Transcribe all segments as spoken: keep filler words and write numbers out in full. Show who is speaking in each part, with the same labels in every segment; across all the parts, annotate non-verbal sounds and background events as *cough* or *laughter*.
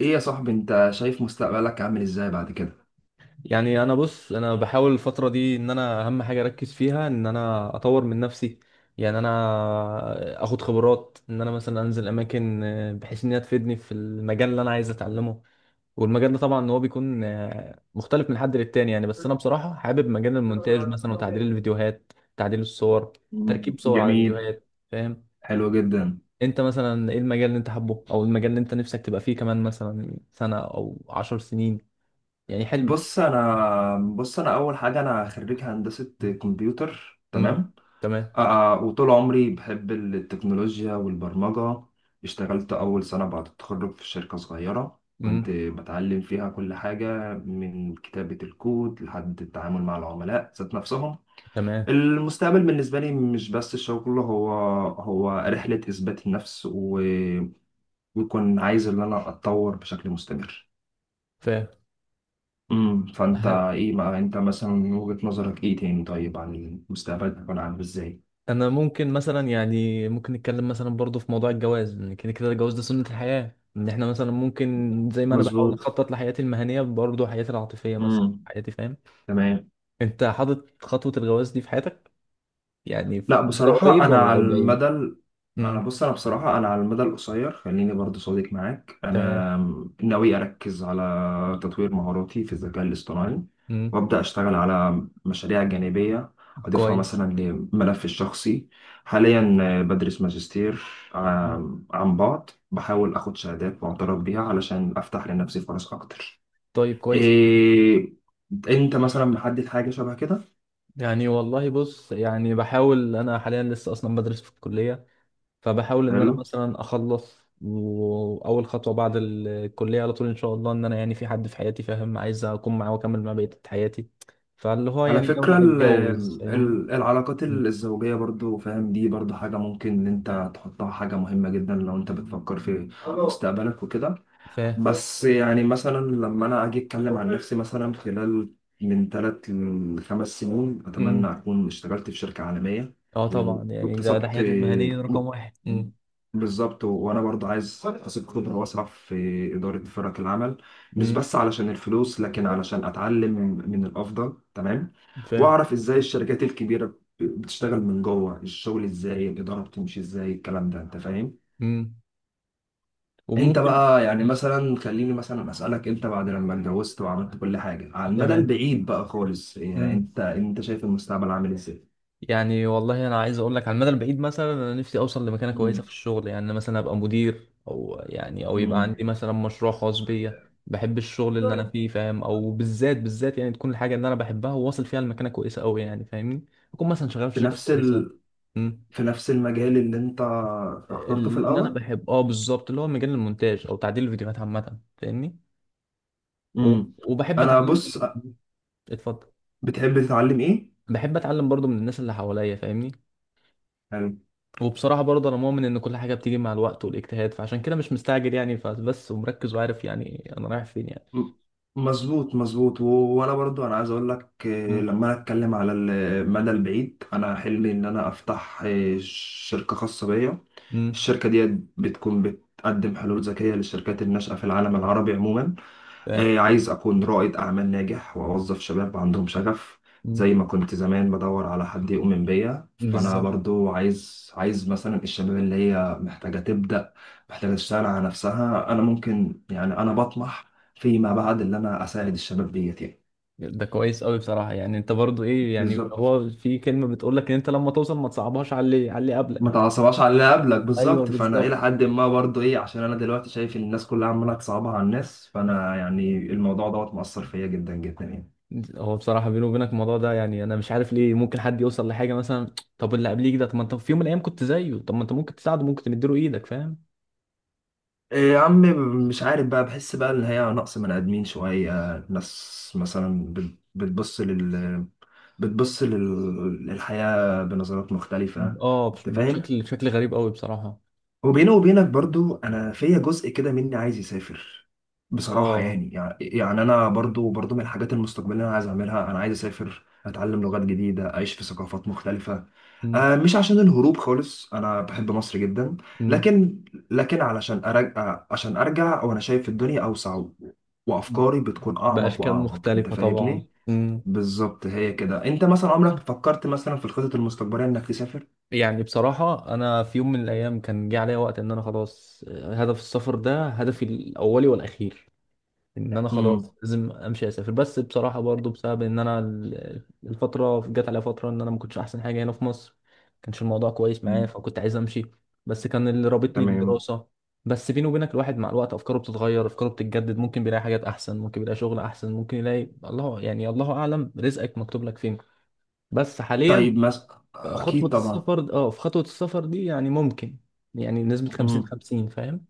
Speaker 1: ايه يا صاحبي، انت شايف مستقبلك عامل ازاي بعد كده؟
Speaker 2: يعني انا بص انا بحاول الفتره دي ان انا اهم حاجه اركز فيها ان انا اطور من نفسي. يعني انا اخد خبرات ان انا مثلا انزل اماكن، آه، بحيث ان هي تفيدني في المجال اللي انا عايز اتعلمه. والمجال ده طبعا هو بيكون آه، مختلف من حد للتاني، يعني بس انا بصراحه حابب مجال المونتاج مثلا وتعديل الفيديوهات، تعديل الصور،
Speaker 1: مم.
Speaker 2: تركيب صور على
Speaker 1: جميل.
Speaker 2: فيديوهات، فاهم؟
Speaker 1: حلو جدا.
Speaker 2: انت مثلا ايه المجال اللي انت حابه، او المجال اللي انت نفسك تبقى فيه كمان مثلا سنه او عشر سنين؟ يعني حلمك؟
Speaker 1: بص انا بص انا اول حاجه انا خريج هندسه كمبيوتر،
Speaker 2: امم.
Speaker 1: تمام.
Speaker 2: تمام.
Speaker 1: آه آه، وطول عمري بحب التكنولوجيا والبرمجه. اشتغلت اول سنه بعد التخرج في شركه صغيره
Speaker 2: مم.
Speaker 1: كنت بتعلم فيها كل حاجه، من كتابه الكود لحد التعامل مع العملاء ذات نفسهم.
Speaker 2: تمام.
Speaker 1: المستقبل بالنسبة لي مش بس الشغل، هو هو رحلة إثبات النفس، و... بيكون عايز ان انا اتطور بشكل مستمر.
Speaker 2: فاهم.
Speaker 1: امم، فانت
Speaker 2: هل
Speaker 1: ايه بقى؟ انت مثلا من وجهة نظرك ايه تاني؟ طيب، عن المستقبل هيكون عامل ازاي؟
Speaker 2: انا ممكن مثلا، يعني ممكن نتكلم مثلا برضو في موضوع الجواز، لان كده كده الجواز ده سنة الحياة، ان احنا مثلا ممكن زي ما انا بحاول
Speaker 1: مظبوط.
Speaker 2: اخطط لحياتي المهنية برضو حياتي العاطفية مثلا،
Speaker 1: امم.
Speaker 2: حياتي، فاهم.
Speaker 1: تمام.
Speaker 2: انت حاطط خطوة الجواز دي في حياتك؟ يعني في
Speaker 1: لا
Speaker 2: ده
Speaker 1: بصراحة،
Speaker 2: قريب
Speaker 1: أنا
Speaker 2: ولا
Speaker 1: على
Speaker 2: او بعيد؟
Speaker 1: المدى ال- أنا
Speaker 2: امم.
Speaker 1: بص، أنا بصراحة أنا على المدى القصير خليني برضو صادق معاك،
Speaker 2: تمام.
Speaker 1: أنا ناوي أركز على تطوير مهاراتي في الذكاء الاصطناعي،
Speaker 2: امم.
Speaker 1: وأبدأ أشتغل على مشاريع جانبية أضيفها
Speaker 2: كويس.
Speaker 1: مثلا لملفي الشخصي. حاليا بدرس ماجستير
Speaker 2: مم.
Speaker 1: عن عن بعد، بحاول أخد شهادات معترف بيها علشان أفتح لنفسي فرص أكتر.
Speaker 2: طيب كويس.
Speaker 1: إيه، أنت مثلا محدد حاجة شبه كده؟
Speaker 2: يعني والله بص، يعني بحاول، انا حاليا لسه اصلا بدرس في الكلية، فبحاول ان انا مثلا اخلص، واول خطوه بعد الكليه على طول ان شاء الله، ان انا يعني في حد في حياتي، فاهم، عايز اكون معاه واكمل معاه بقيه حياتي. فاللي هو
Speaker 1: على
Speaker 2: يعني
Speaker 1: فكرة
Speaker 2: ناوي
Speaker 1: ال-
Speaker 2: اتجوز، فاهمني.
Speaker 1: ال- العلاقات
Speaker 2: مم.
Speaker 1: الزوجية برضو فاهم، دي برضو حاجة ممكن إن أنت تحطها حاجة مهمة جدا لو أنت بتفكر في مستقبلك وكده.
Speaker 2: فاهم.
Speaker 1: بس يعني مثلا لما انا اجي اتكلم عن نفسي، مثلا خلال من ثلاث لخمس سنين، اتمنى
Speaker 2: مم.
Speaker 1: اكون اشتغلت في شركه عالميه
Speaker 2: اه طبعا، يعني ده ده
Speaker 1: واكتسبت.
Speaker 2: حياتي المهنيه رقم واحد. مم.
Speaker 1: بالظبط، وانا برضه عايز اكتسب خبره واسعه في اداره فرق العمل، مش
Speaker 2: مم.
Speaker 1: بس علشان الفلوس لكن علشان اتعلم من الافضل. تمام.
Speaker 2: فاهم.
Speaker 1: واعرف ازاي الشركات الكبيره بتشتغل من جوه، الشغل ازاي، الاداره بتمشي ازاي، الكلام ده انت فاهم.
Speaker 2: مم.
Speaker 1: انت
Speaker 2: وممكن.
Speaker 1: بقى يعني مثلا خليني مثلا اسالك، انت بعد لما اتجوزت وعملت كل حاجه على المدى
Speaker 2: تمام.
Speaker 1: البعيد بقى خالص، يعني
Speaker 2: مم.
Speaker 1: انت انت شايف المستقبل عامل ازاي؟
Speaker 2: يعني والله انا عايز اقول لك على المدى البعيد مثلا، انا نفسي اوصل لمكانه كويسه في
Speaker 1: امم.
Speaker 2: الشغل، يعني أنا مثلا ابقى مدير، او يعني او يبقى
Speaker 1: امم.
Speaker 2: عندي مثلا مشروع خاص بيا. بحب الشغل اللي انا فيه، فاهم، او بالذات بالذات، يعني تكون الحاجه اللي انا بحبها وواصل فيها لمكانه كويسه قوي، يعني فاهمني. اكون مثلا شغال في
Speaker 1: في
Speaker 2: شركه
Speaker 1: نفس
Speaker 2: كويسه.
Speaker 1: ال...
Speaker 2: أمم.
Speaker 1: في نفس المجال اللي انت اخترته في
Speaker 2: اللي انا
Speaker 1: الاول.
Speaker 2: بحب، اه بالظبط، اللي هو مجال المونتاج او تعديل الفيديوهات عامه، فاهمني. و-
Speaker 1: امم.
Speaker 2: وبحب
Speaker 1: انا
Speaker 2: اتعلم.
Speaker 1: بص،
Speaker 2: اتفضل.
Speaker 1: بتحب تتعلم ايه
Speaker 2: بحب اتعلم برضو من الناس اللي حواليا، فاهمني.
Speaker 1: يعني؟
Speaker 2: وبصراحة برضه أنا مؤمن إن كل حاجة بتيجي مع الوقت والاجتهاد، فعشان كده مش مستعجل يعني، فبس ومركز وعارف يعني أنا رايح فين يعني.
Speaker 1: م- مظبوط مظبوط، و- وانا برضو انا عايز اقول لك، آه،
Speaker 2: مم.
Speaker 1: لما انا اتكلم على المدى البعيد، انا حلمي ان انا افتح آه، شركة خاصة بيا.
Speaker 2: مم.
Speaker 1: الشركة دي بتكون بتقدم حلول ذكية للشركات الناشئة في العالم العربي عموما.
Speaker 2: فاهم.
Speaker 1: آه، عايز أكون رائد أعمال ناجح وأوظف شباب عندهم شغف.
Speaker 2: مم.
Speaker 1: زي ما كنت زمان بدور على حد يؤمن بيا، فأنا
Speaker 2: بالظبط.
Speaker 1: برضو عايز عايز مثلا الشباب اللي هي محتاجة تبدأ، محتاجة تشتغل على نفسها. أنا ممكن يعني أنا بطمح فيما بعد اللي أنا أساعد الشباب ديت يعني.
Speaker 2: ده كويس قوي بصراحة، يعني أنت برضه إيه؟ يعني
Speaker 1: بالظبط،
Speaker 2: هو في كلمة بتقول لك إن أنت لما توصل ما تصعبهاش على اللي على اللي
Speaker 1: ما
Speaker 2: قبلك.
Speaker 1: تعصبهاش على اللي قبلك
Speaker 2: ايوه
Speaker 1: بالظبط، فأنا إلى
Speaker 2: بالظبط.
Speaker 1: حد ما برضو إيه، عشان أنا دلوقتي شايف إن الناس كلها عمالة تصعبها على الناس، فأنا يعني الموضوع دوت مأثر فيا جدا جدا يعني.
Speaker 2: هو بصراحة بيني وبينك الموضوع ده، يعني أنا مش عارف ليه ممكن حد يوصل لحاجة مثلا، طب اللي قبليك ده، طب ما أنت في يوم من الأيام كنت زيه، طب ما أنت ممكن تساعده، ممكن تديله إيدك، فاهم.
Speaker 1: إيه، يا عم، مش عارف بقى، بحس بقى ان هي نقص من ادمين شويه. ناس مثلا بت- بتبص لل، بتبص لل... للحياه بنظرات مختلفه،
Speaker 2: أه، بش-
Speaker 1: انت فاهم.
Speaker 2: بشكل بشكل غريب قوي بصراحة.
Speaker 1: وبيني وبينك برضو انا فيا جزء كده مني عايز يسافر بصراحه،
Speaker 2: اه.
Speaker 1: يعني يعني يعني انا برضو برضو من الحاجات المستقبليه اللي انا عايز اعملها، انا عايز اسافر، اتعلم لغات جديده، اعيش في ثقافات مختلفه.
Speaker 2: مم.
Speaker 1: آه، مش عشان الهروب خالص، انا بحب مصر جدا،
Speaker 2: مم.
Speaker 1: لكن لكن علشان ارجع، عشان ارجع وانا شايف الدنيا اوسع، و- وافكاري بتكون اعمق
Speaker 2: بأشكال
Speaker 1: واعمق انت
Speaker 2: مختلفة طبعا.
Speaker 1: فاهمني.
Speaker 2: مم.
Speaker 1: بالظبط. هي كده. انت مثلا عمرك فكرت مثلا في الخطط المستقبليه انك تسافر؟
Speaker 2: يعني بصراحة، أنا في يوم من الأيام كان جه عليا وقت إن أنا خلاص، آه، هدف السفر ده هدفي الأولي والأخير، ان انا
Speaker 1: امم.
Speaker 2: خلاص لازم امشي اسافر. بس بصراحه برضو بسبب ان انا ال- الفتره جت عليا فتره ان انا ما كنتش احسن حاجه هنا في مصر، ما كانش الموضوع كويس معايا، فكنت عايز امشي، بس كان اللي رابطني
Speaker 1: تمام.
Speaker 2: بالدراسه. بس بيني وبينك، الواحد مع الوقت افكاره بتتغير، افكاره بتتجدد، ممكن بيلاقي حاجات احسن، ممكن يلاقي شغل احسن، ممكن يلاقي الله يعني، الله اعلم رزقك مكتوب لك فين. بس حاليا،
Speaker 1: طيب مثلا.
Speaker 2: خطوه
Speaker 1: اكيد طبعا.
Speaker 2: السفر اه في خطوه السفر دي يعني ممكن، يعني نسبه 50
Speaker 1: مم.
Speaker 2: 50 فاهم.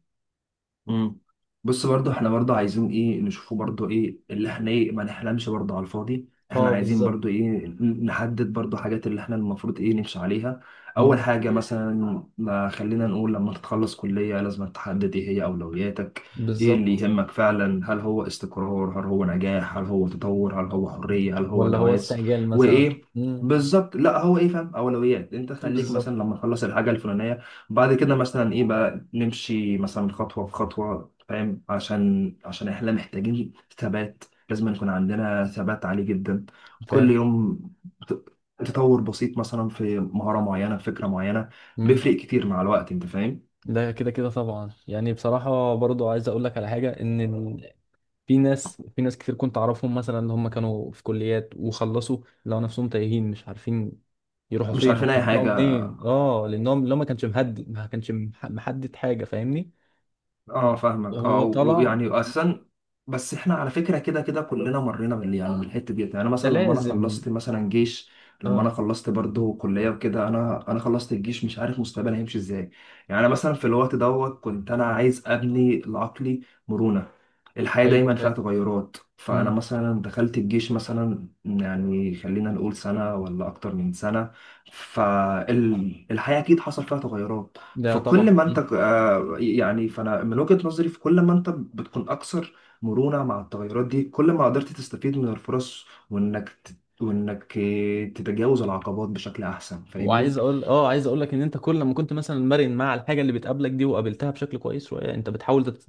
Speaker 1: مم. بص برضو، احنا برضو عايزين ايه نشوفه؟ برضو ايه اللي احنا ايه، ما نحلمش برضو على الفاضي، احنا
Speaker 2: اه
Speaker 1: عايزين
Speaker 2: بالظبط.
Speaker 1: برضو ايه نحدد برضو حاجات اللي احنا المفروض ايه نمشي عليها. اول
Speaker 2: مم.
Speaker 1: حاجة مثلا، ما خلينا نقول لما تتخلص كلية لازم تحدد ايه هي اولوياتك. ايه اللي
Speaker 2: بالظبط.
Speaker 1: يهمك فعلا؟ هل هو استقرار؟ هل هو نجاح؟ هل هو تطور؟ هل هو حرية؟ هل هو
Speaker 2: ولا هو
Speaker 1: جواز؟
Speaker 2: استعجال مثلا.
Speaker 1: وايه؟
Speaker 2: امم.
Speaker 1: بالظبط، لا هو ايه فاهم، اولويات. انت خليك
Speaker 2: بالظبط.
Speaker 1: مثلا لما تخلص الحاجة الفلانية، بعد كده مثلا ايه بقى، نمشي مثلا خطوة بخطوة، فاهم، عشان عشان احنا محتاجين ثبات، لازم يكون عندنا ثبات عالي جدا. كل
Speaker 2: فاهم.
Speaker 1: يوم ت- تطور بسيط مثلا في مهارة معينة، في فكرة معينة،
Speaker 2: امم.
Speaker 1: بيفرق كتير مع الوقت، انت فاهم.
Speaker 2: ده كده كده طبعا، يعني بصراحة برضو عايز اقول لك على حاجة، ان ال... في ناس في ناس كتير كنت اعرفهم مثلا، اللي هم كانوا في كليات وخلصوا، لقوا نفسهم تايهين، مش عارفين يروحوا
Speaker 1: مش
Speaker 2: فين *laughs*
Speaker 1: عارفين اي
Speaker 2: ويبدأوا
Speaker 1: حاجة.
Speaker 2: منين، اه لانهم لو ما كانش مهدد، ما كانش مح- محدد حاجة، فاهمني.
Speaker 1: اه فاهمك، اه،
Speaker 2: هو طلع.
Speaker 1: ويعني اساسا. بس احنا على فكره كده كده كلنا مرينا بال، يعني بالحته ديت، يعني
Speaker 2: ده
Speaker 1: مثلا لما انا
Speaker 2: لازم.
Speaker 1: خلصت مثلا جيش، لما
Speaker 2: اه.
Speaker 1: انا خلصت برضه كليه وكده، انا انا خلصت الجيش مش عارف مستقبلي هيمشي ازاي. يعني أنا مثلا في الوقت دوت كنت انا عايز ابني لعقلي مرونه. الحياه
Speaker 2: ايوه
Speaker 1: دايما
Speaker 2: فاهم.
Speaker 1: فيها تغيرات، فانا
Speaker 2: مم.
Speaker 1: مثلا دخلت الجيش مثلا، يعني خلينا نقول سنه ولا اكتر من سنه، فالحياه اكيد حصل فيها تغيرات.
Speaker 2: ده
Speaker 1: فكل
Speaker 2: طبعا.
Speaker 1: ما انت آه، يعني، فانا من وجهة نظري، في كل ما انت بتكون اكثر مرونة مع التغيرات دي، كل ما قدرت تستفيد من الفرص، وانك ت- وانك آه، تتجاوز العقبات بشكل احسن، فاهمني.
Speaker 2: وعايز اقول اه عايز اقول لك ان انت كل لما كنت مثلا مرن مع الحاجه اللي بتقابلك دي، وقابلتها بشكل كويس شويه، انت بتحاول تت...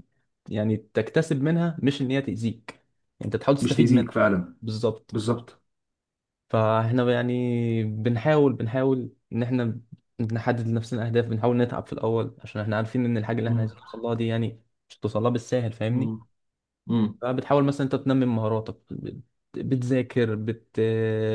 Speaker 2: يعني تكتسب منها، مش ان هي تاذيك. يعني انت بتحاول
Speaker 1: مش
Speaker 2: تستفيد
Speaker 1: تأذيك
Speaker 2: منها.
Speaker 1: فعلا.
Speaker 2: بالظبط.
Speaker 1: بالظبط.
Speaker 2: فاحنا يعني بنحاول بنحاول ان احنا نحدد لنفسنا اهداف، بنحاول نتعب في الاول، عشان احنا عارفين ان الحاجه اللي احنا
Speaker 1: مم.
Speaker 2: عايزين نوصل لها دي يعني مش هتوصل لها بالساهل، فاهمني.
Speaker 1: مم. مم.
Speaker 2: فبتحاول مثلا انت تنمي مهاراتك، بت- بتذاكر، بت...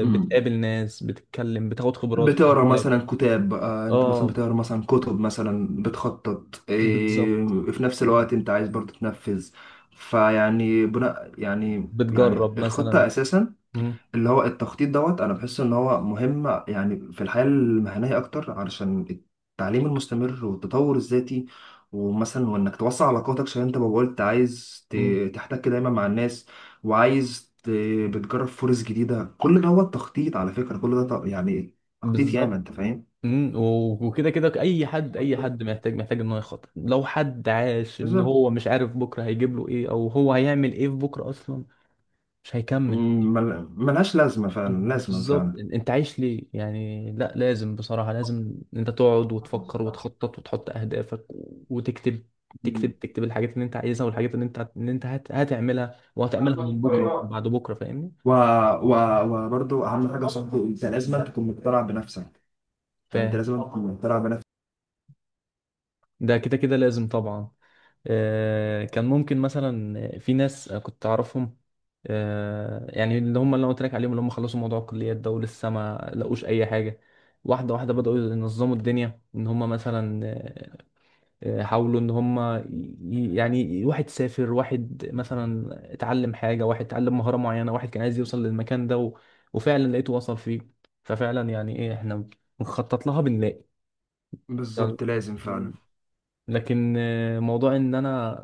Speaker 1: مم.
Speaker 2: بتقابل ناس، بتتكلم، بتاخد خبرات في
Speaker 1: بتقرا
Speaker 2: مجالك.
Speaker 1: مثلا كتاب، آه، انت مثلا
Speaker 2: اه
Speaker 1: بتقرا مثلا كتب، مثلا بتخطط إيه،
Speaker 2: بالظبط.
Speaker 1: في نفس الوقت انت عايز برضه تنفذ. فيعني بناء، يعني يعني
Speaker 2: بتجرب مثلا.
Speaker 1: الخطة اساسا.
Speaker 2: مم.
Speaker 1: اللي هو التخطيط دوت، انا بحس ان هو مهم يعني في الحياة المهنية اكتر، علشان التعليم المستمر والتطور الذاتي، ومثلا وانك توسع علاقاتك عشان انت ما قلت عايز
Speaker 2: مم.
Speaker 1: ت- تحتك دايما مع الناس، وعايز ت- بتجرب فرص جديدة. كل ده هو التخطيط، على فكرة كل ده ت- يعني تخطيط ياما،
Speaker 2: بالظبط.
Speaker 1: انت فاهم.
Speaker 2: مم. و- وكده كده، اي حد اي حد محتاج محتاج ان هو يخطط، لو حد عاش ان
Speaker 1: بالظبط.
Speaker 2: هو مش عارف بكره هيجيب له ايه، او هو هيعمل ايه في بكره اصلا، مش هيكمل.
Speaker 1: مم، مل- ملهاش لازمة فعلا، لازمة
Speaker 2: بالظبط.
Speaker 1: فعلا.
Speaker 2: إن- انت عايش ليه يعني؟ لا لازم، بصراحة لازم انت تقعد وتفكر وتخطط وتحط اهدافك، و- وتكتب،
Speaker 1: مم.
Speaker 2: تكتب تكتب الحاجات اللي انت عايزها، والحاجات اللي انت هت- اللي انت هت... هتعملها، وهتعملها من بكره
Speaker 1: أيوة.
Speaker 2: وبعد بكره، فاهمني.
Speaker 1: و... و... وبرضه أهم حاجة يا صاحبي، أنت لازم
Speaker 2: مم.
Speaker 1: تكون مقتنع بنفسك. يعني انت
Speaker 2: فاهم.
Speaker 1: لازم تكون طالع بنفسك.
Speaker 2: ده كده كده لازم طبعا. آه، كان ممكن مثلا في ناس كنت اعرفهم، آه، يعني اللي هم اللي انا قلت لك عليهم، اللي هم خلصوا موضوع الكليات ده ولسه ما لقوش اي حاجه، واحده واحده بداوا ينظموا الدنيا ان هم مثلا، آه، آه، حاولوا ان هم ي- يعني، واحد سافر، واحد مثلا اتعلم حاجه، واحد اتعلم مهاره معينه، واحد كان عايز يوصل للمكان ده و... وفعلا لقيته وصل فيه. ففعلا يعني ايه، احنا بنخطط لها بنلاقي.
Speaker 1: بالظبط لازم فعلا.
Speaker 2: لكن آه، موضوع ان انا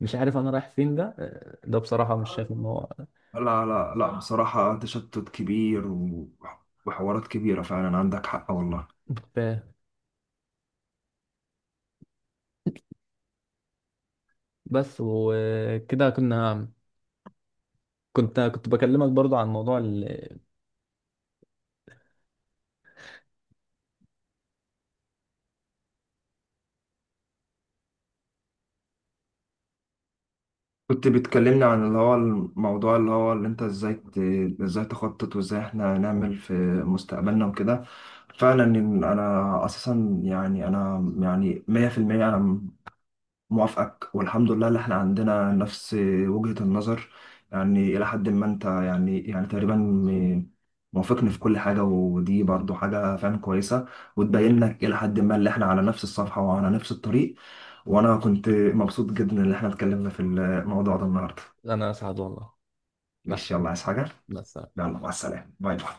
Speaker 2: مش عارف انا رايح فين ده، آه، ده بصراحة مش شايف ان هو،
Speaker 1: لا لا لا بصراحة، تشتت كبير، و- وحوارات كبيرة فعلا، عندك حق والله.
Speaker 2: فاهم. بس، وكده كنا كنت كنت بكلمك برضو عن موضوع ال...
Speaker 1: كنت بتكلمني عن اللي هو الموضوع، اللي هو اللي انت ازاي ت- ازاي تخطط، وازاي احنا نعمل في مستقبلنا وكده. فعلا، إن انا اساسا يعني انا يعني مية في المية انا موافقك، والحمد لله اللي احنا عندنا نفس وجهة النظر. يعني إلى حد ما أنت يعني يعني تقريبا م- موافقني في كل حاجة، ودي برضو حاجة فعلا كويسة، وتبين
Speaker 2: مهم.
Speaker 1: لك إلى حد ما اللي احنا على نفس الصفحة وعلى نفس الطريق. وأنا كنت مبسوط جدا إن احنا اتكلمنا في الموضوع ده النهاردة.
Speaker 2: انا اسعد والله. لا.
Speaker 1: ماشي، يلا، عايز حاجة؟
Speaker 2: بس.
Speaker 1: يلا مع السلامة، باي باي.